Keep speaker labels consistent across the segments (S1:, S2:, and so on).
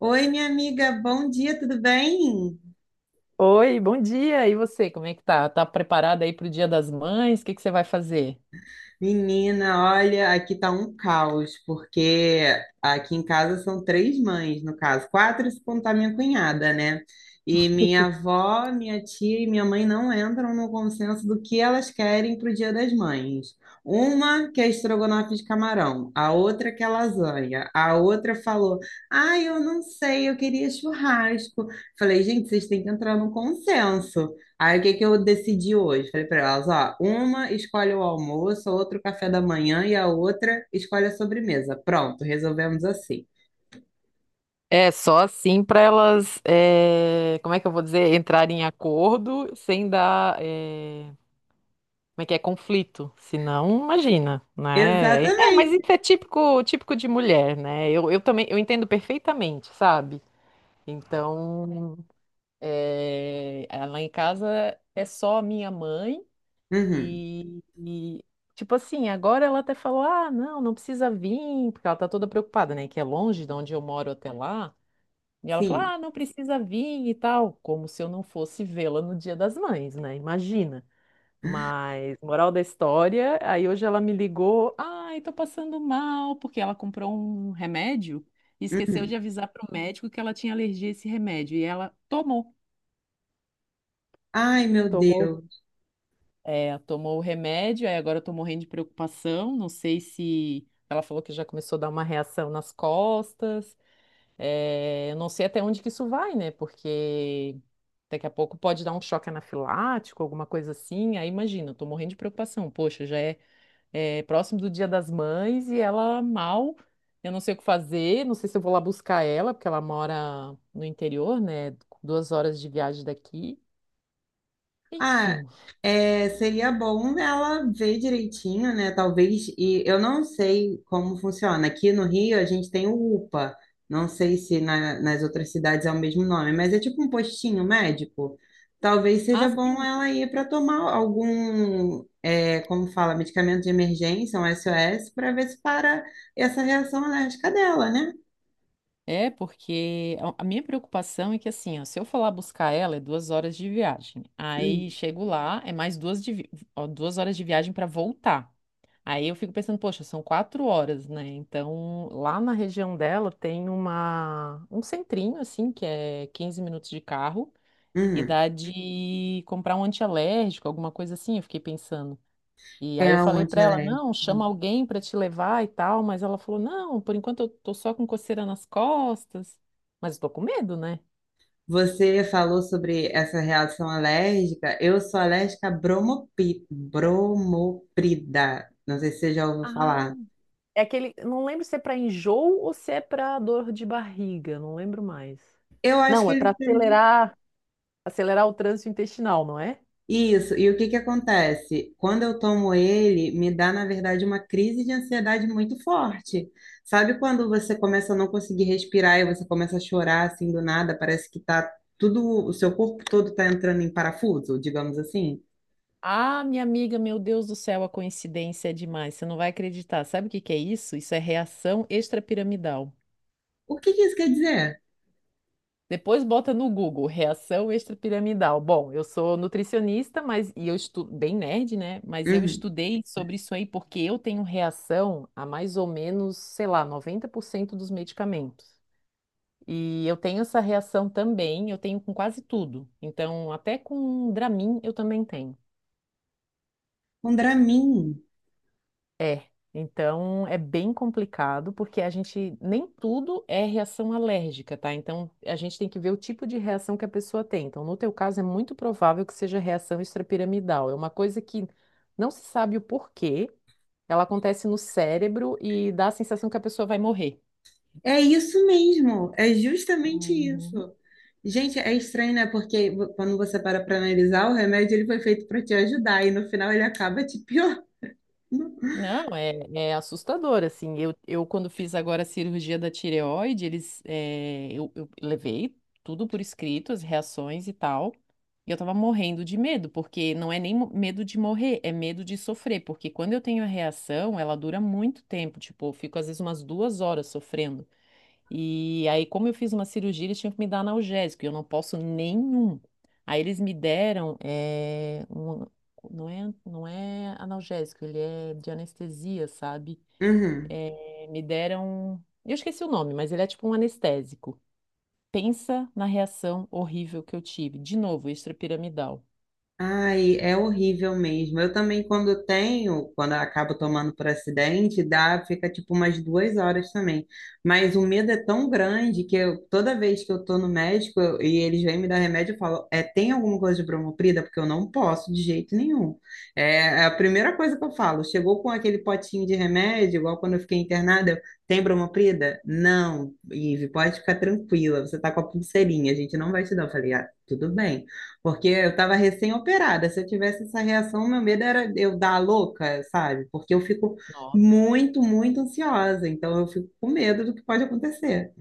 S1: Oi, minha amiga, bom dia, tudo bem?
S2: Oi, bom dia. E você, como é que tá? Tá preparada aí pro Dia das Mães? O que que você vai fazer?
S1: Menina, olha, aqui tá um caos, porque aqui em casa são três mães, no caso, quatro se contar minha cunhada, né? E minha avó, minha tia e minha mãe não entram no consenso do que elas querem pro Dia das Mães. Uma quer estrogonofe de camarão, a outra quer lasanha, a outra falou: "Ah, eu não sei, eu queria churrasco". Falei: "Gente, vocês têm que entrar no consenso". Aí o que que eu decidi hoje? Falei para elas, ó, uma escolhe o almoço, a outra o café da manhã e a outra escolhe a sobremesa. Pronto, resolvemos assim.
S2: É só assim para elas, como é que eu vou dizer, entrarem em acordo sem dar, como é que é, conflito. Senão, imagina, né? É, mas
S1: Exatamente.
S2: isso é típico, típico de mulher, né? Eu também, eu entendo perfeitamente, sabe? Então, lá em casa é só a minha mãe.
S1: Uhum.
S2: E, e, tipo assim, agora ela até falou: ah, não, não precisa vir, porque ela tá toda preocupada, né? Que é longe de onde eu moro até lá. E ela falou:
S1: Sim.
S2: ah, não precisa vir e tal, como se eu não fosse vê-la no Dia das Mães, né? Imagina. Mas, moral da história, aí hoje ela me ligou: ai, tô passando mal, porque ela comprou um remédio e esqueceu de
S1: Uhum.
S2: avisar pro médico que ela tinha alergia a esse remédio. E ela tomou.
S1: Ai, meu
S2: Tomou.
S1: Deus.
S2: É, tomou o remédio, aí agora eu tô morrendo de preocupação. Não sei se ela falou que já começou a dar uma reação nas costas. É, eu não sei até onde que isso vai, né? Porque daqui a pouco pode dar um choque anafilático, alguma coisa assim. Aí imagina, eu tô morrendo de preocupação. Poxa, já é, é próximo do Dia das Mães e ela mal. Eu não sei o que fazer, não sei se eu vou lá buscar ela, porque ela mora no interior, né? 2 horas de viagem daqui.
S1: Ah,
S2: Enfim.
S1: é, seria bom ela ver direitinho, né? Talvez, e eu não sei como funciona. Aqui no Rio a gente tem o UPA, não sei se nas outras cidades é o mesmo nome, mas é tipo um postinho médico. Talvez seja bom
S2: Assim,
S1: ela ir para tomar algum, como fala, medicamento de emergência, um SOS, para ver se para essa reação alérgica dela, né?
S2: é, porque a minha preocupação é que, assim, ó, se eu for lá buscar ela, é 2 horas de viagem.
S1: Hum,
S2: Aí chego lá, é mais duas, de ó, 2 horas de viagem para voltar. Aí eu fico pensando, poxa, são quatro horas, né? Então, lá na região dela tem uma, um centrinho, assim, que é 15 minutos de carro, e
S1: hum.
S2: dá de comprar um antialérgico, alguma coisa assim, eu fiquei pensando. E
S1: É
S2: aí eu
S1: o
S2: falei pra ela, não, chama
S1: antialérgico.
S2: alguém pra te levar e tal, mas ela falou, não, por enquanto eu tô só com coceira nas costas, mas eu tô com medo, né?
S1: Você falou sobre essa reação alérgica. Eu sou alérgica a bromoprida. Não sei se você já ouviu
S2: Ah,
S1: falar.
S2: é aquele. Não lembro se é para enjoo ou se é para dor de barriga, não lembro mais.
S1: Eu acho
S2: Não,
S1: que
S2: é para
S1: ele.
S2: acelerar, acelerar o trânsito intestinal, não é?
S1: Isso. E o que que acontece? Quando eu tomo ele, me dá, na verdade, uma crise de ansiedade muito forte. Sabe quando você começa a não conseguir respirar e você começa a chorar assim do nada? Parece que tá tudo, o seu corpo todo tá entrando em parafuso, digamos assim.
S2: Ah, minha amiga, meu Deus do céu, a coincidência é demais, você não vai acreditar. Sabe o que que é isso? Isso é reação extrapiramidal.
S1: O que que isso quer dizer?
S2: Depois bota no Google, reação extrapiramidal. Bom, eu sou nutricionista, mas e eu estudo bem nerd, né? Mas eu
S1: Uhum.
S2: estudei sobre isso aí porque eu tenho reação a mais ou menos, sei lá, 90% dos medicamentos. E eu tenho essa reação também, eu tenho com quase tudo. Então, até com Dramin eu também tenho.
S1: Um Dramin.
S2: É, então é bem complicado, porque a gente nem tudo é reação alérgica, tá? Então a gente tem que ver o tipo de reação que a pessoa tem. Então, no teu caso, é muito provável que seja reação extrapiramidal. É uma coisa que não se sabe o porquê, ela acontece no cérebro e dá a sensação que a pessoa vai morrer.
S1: É isso mesmo, é justamente
S2: Uhum.
S1: isso. Gente, é estranho, né? Porque quando você para para analisar, o remédio ele foi feito para te ajudar e no final ele acaba te piorando.
S2: Não, é, é assustador, assim, eu quando fiz agora a cirurgia da tireoide, eles, eh, eu levei tudo por escrito, as reações e tal, e eu tava morrendo de medo, porque não é nem medo de morrer, é medo de sofrer, porque quando eu tenho a reação, ela dura muito tempo, tipo, eu fico às vezes umas 2 horas sofrendo, e aí, como eu fiz uma cirurgia, eles tinham que me dar analgésico, e eu não posso nenhum. Aí eles me deram, não é, não é analgésico, ele é de anestesia, sabe?
S1: Uhum.
S2: Me deram, eu esqueci o nome, mas ele é tipo um anestésico. Pensa na reação horrível que eu tive. De novo, extrapiramidal.
S1: Ai, é horrível mesmo. Eu também, quando tenho, quando eu acabo tomando por acidente, dá, fica tipo umas duas horas também. Mas o medo é tão grande que eu, toda vez que eu tô no médico e eles vêm me dar remédio, eu falo, é, tem alguma coisa de bromoprida? Porque eu não posso de jeito nenhum. É, é a primeira coisa que eu falo. Chegou com aquele potinho de remédio, igual quando eu fiquei internada, eu, tem bromoprida? Não, Ive, pode ficar tranquila, você tá com a pulseirinha, a gente não vai te dar. Eu falei, ah, tudo bem. Porque eu estava recém-operada. Se eu tivesse essa reação, meu medo era eu dar a louca, sabe? Porque eu fico muito, muito ansiosa. Então eu fico com medo do que pode acontecer.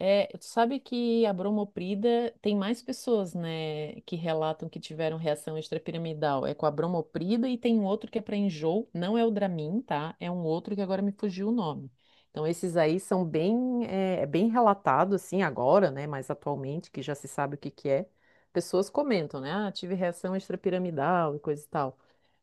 S2: É, tu sabe que a bromoprida tem mais pessoas, né, que relatam que tiveram reação extrapiramidal. É com a bromoprida e tem um outro que é para enjoo, não é o Dramin, tá? É um outro que agora me fugiu o nome. Então esses aí são bem, é, bem relatados assim agora, né, mais atualmente, que já se sabe o que que é. Pessoas comentam, né? Ah, tive reação extrapiramidal e coisa e tal.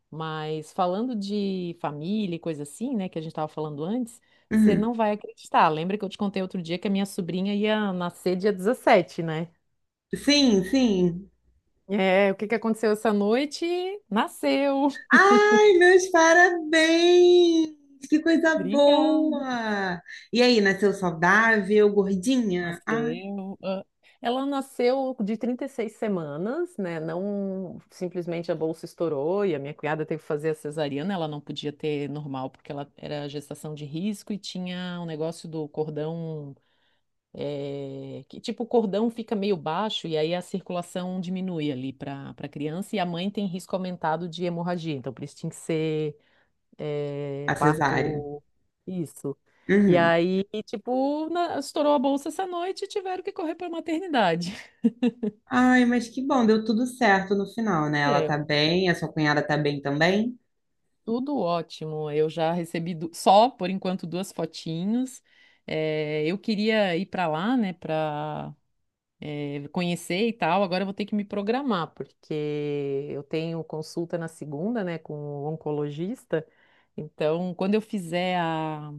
S2: Mas falando de família e coisa assim, né, que a gente estava falando antes, você
S1: Uhum.
S2: não vai acreditar. Lembra que eu te contei outro dia que a minha sobrinha ia nascer dia 17, né?
S1: Sim, sim.
S2: É, o que que aconteceu essa noite? Nasceu.
S1: Ai, meus parabéns! Que coisa
S2: Obrigada.
S1: boa! E aí, nasceu saudável, gordinha? Ah,
S2: Nasceu. Ah, ela nasceu de 36 semanas, né? Não simplesmente a bolsa estourou e a minha cunhada teve que fazer a cesariana, ela não podia ter normal porque ela era gestação de risco e tinha um negócio do cordão, que tipo o cordão fica meio baixo e aí a circulação diminui ali para a criança e a mãe tem risco aumentado de hemorragia. Então, por isso tinha que ser
S1: a cesárea.
S2: parto. Isso. E
S1: Uhum.
S2: aí, tipo, estourou a bolsa essa noite e tiveram que correr para a maternidade.
S1: Ai, mas que bom, deu tudo certo no final, né? Ela tá
S2: Meu,
S1: bem, a sua cunhada tá bem também?
S2: tudo ótimo. Eu já recebi só, por enquanto, duas fotinhos. Eu queria ir para lá, né, para conhecer e tal, agora eu vou ter que me programar, porque eu tenho consulta na segunda, né, com o oncologista. Então, quando eu fizer a,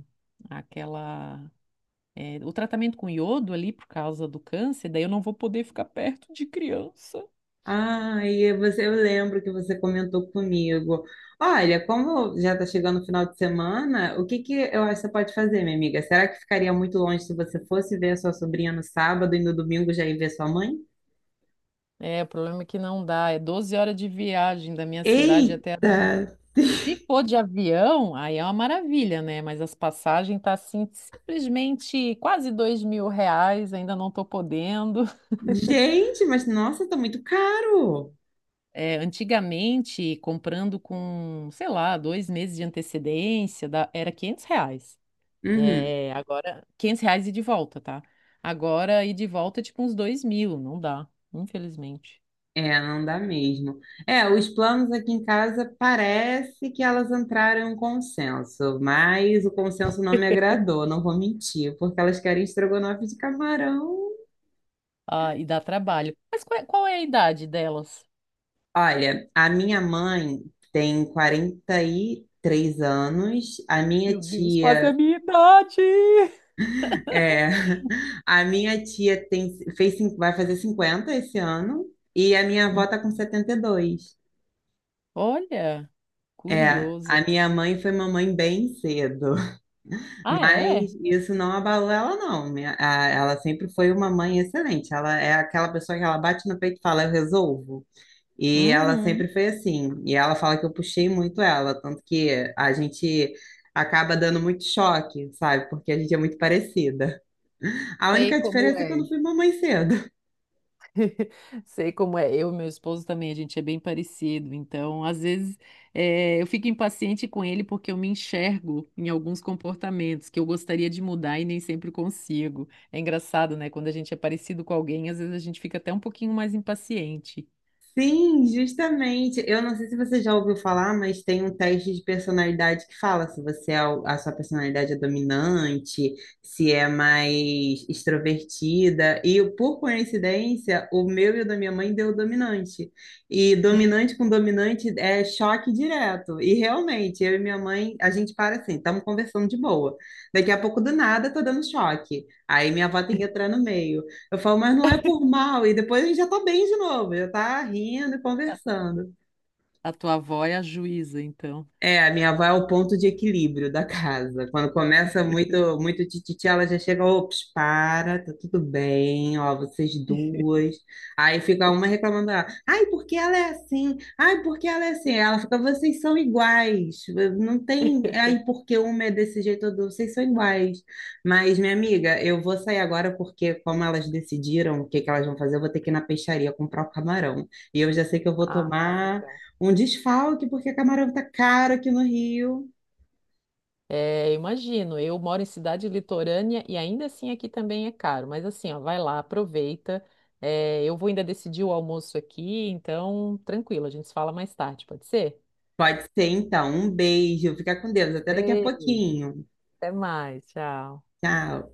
S2: aquela, o tratamento com iodo ali por causa do câncer, daí eu não vou poder ficar perto de criança.
S1: Ah, e você, eu lembro que você comentou comigo. Olha, como já está chegando o final de semana, o que que eu acho que você pode fazer, minha amiga? Será que ficaria muito longe se você fosse ver a sua sobrinha no sábado e no domingo já ir ver sua mãe?
S2: É, o problema é que não dá, é 12 horas de viagem da minha cidade até a...
S1: Eita!
S2: Se for de avião, aí é uma maravilha, né? Mas as passagens tá assim, simplesmente quase R$ 2.000, ainda não tô podendo.
S1: Gente, mas nossa, tá muito caro!
S2: É, antigamente, comprando com, sei lá, dois meses de antecedência, era R$ 500.
S1: Uhum.
S2: É, agora, R$ 500 e de volta, tá? Agora, e de volta, é tipo uns 2.000, não dá, infelizmente.
S1: É, não dá mesmo. É, os planos aqui em casa parece que elas entraram em um consenso, mas o consenso não me agradou, não vou mentir, porque elas querem estrogonofe de camarão.
S2: Ah, e dá trabalho. Mas qual é a idade delas?
S1: Olha, a minha mãe tem 43 anos, a minha
S2: Meu Deus, quase a
S1: tia
S2: minha idade!
S1: é, a minha tia vai fazer 50 esse ano e a minha avó
S2: Hum.
S1: tá com 72.
S2: Olha,
S1: É, a
S2: curioso.
S1: minha mãe foi mamãe bem cedo.
S2: Ah,
S1: Mas
S2: é?
S1: isso não abalou ela, não. Ela sempre foi uma mãe excelente. Ela é aquela pessoa que ela bate no peito e fala, eu resolvo. E ela sempre
S2: Uhum.
S1: foi assim. E ela fala que eu puxei muito ela, tanto que a gente acaba dando muito choque, sabe? Porque a gente é muito parecida. A
S2: Sei
S1: única
S2: como
S1: diferença é que eu
S2: é.
S1: não fui mamãe cedo.
S2: Sei como é. Eu e meu esposo também, a gente é bem parecido. Então, às vezes, eu fico impaciente com ele porque eu me enxergo em alguns comportamentos que eu gostaria de mudar e nem sempre consigo. É engraçado, né? Quando a gente é parecido com alguém, às vezes a gente fica até um pouquinho mais impaciente.
S1: Sim, justamente. Eu não sei se você já ouviu falar, mas tem um teste de personalidade que fala se a sua personalidade é dominante, se é mais extrovertida. E por coincidência, o meu e o da minha mãe deu dominante. E dominante com dominante é choque direto. E realmente, eu e minha mãe, a gente para assim, estamos conversando de boa. Daqui a pouco do nada, tô dando choque. Aí minha avó tem que entrar no meio. Eu falo, mas não é por mal. E depois a gente já tá bem de novo, já tá rindo e conversando.
S2: A tua avó é a juíza, então.
S1: É, a minha avó é o ponto de equilíbrio da casa. Quando começa muito, muito tititi, ela já chega, ops, para, tá tudo bem, ó, vocês duas. Aí fica uma reclamando dela. Ai, porque ela é assim? Ai, porque ela é assim? Ela fica, vocês são iguais. Não tem, ai, porque uma é desse jeito, vocês são iguais. Mas, minha amiga, eu vou sair agora porque, como elas decidiram o que que elas vão fazer, eu vou ter que ir na peixaria comprar o camarão. E eu já sei que eu vou
S2: Ah,
S1: tomar
S2: legal.
S1: um desfalque, porque camarão tá caro aqui no Rio.
S2: É, imagino, eu moro em cidade litorânea e ainda assim aqui também é caro, mas assim, ó, vai lá, aproveita. É, eu vou ainda decidir o almoço aqui, então tranquilo, a gente se fala mais tarde, pode ser?
S1: Pode ser, então. Um beijo. Fica com Deus. Até daqui a
S2: Beijo,
S1: pouquinho.
S2: até mais, tchau.
S1: Tchau.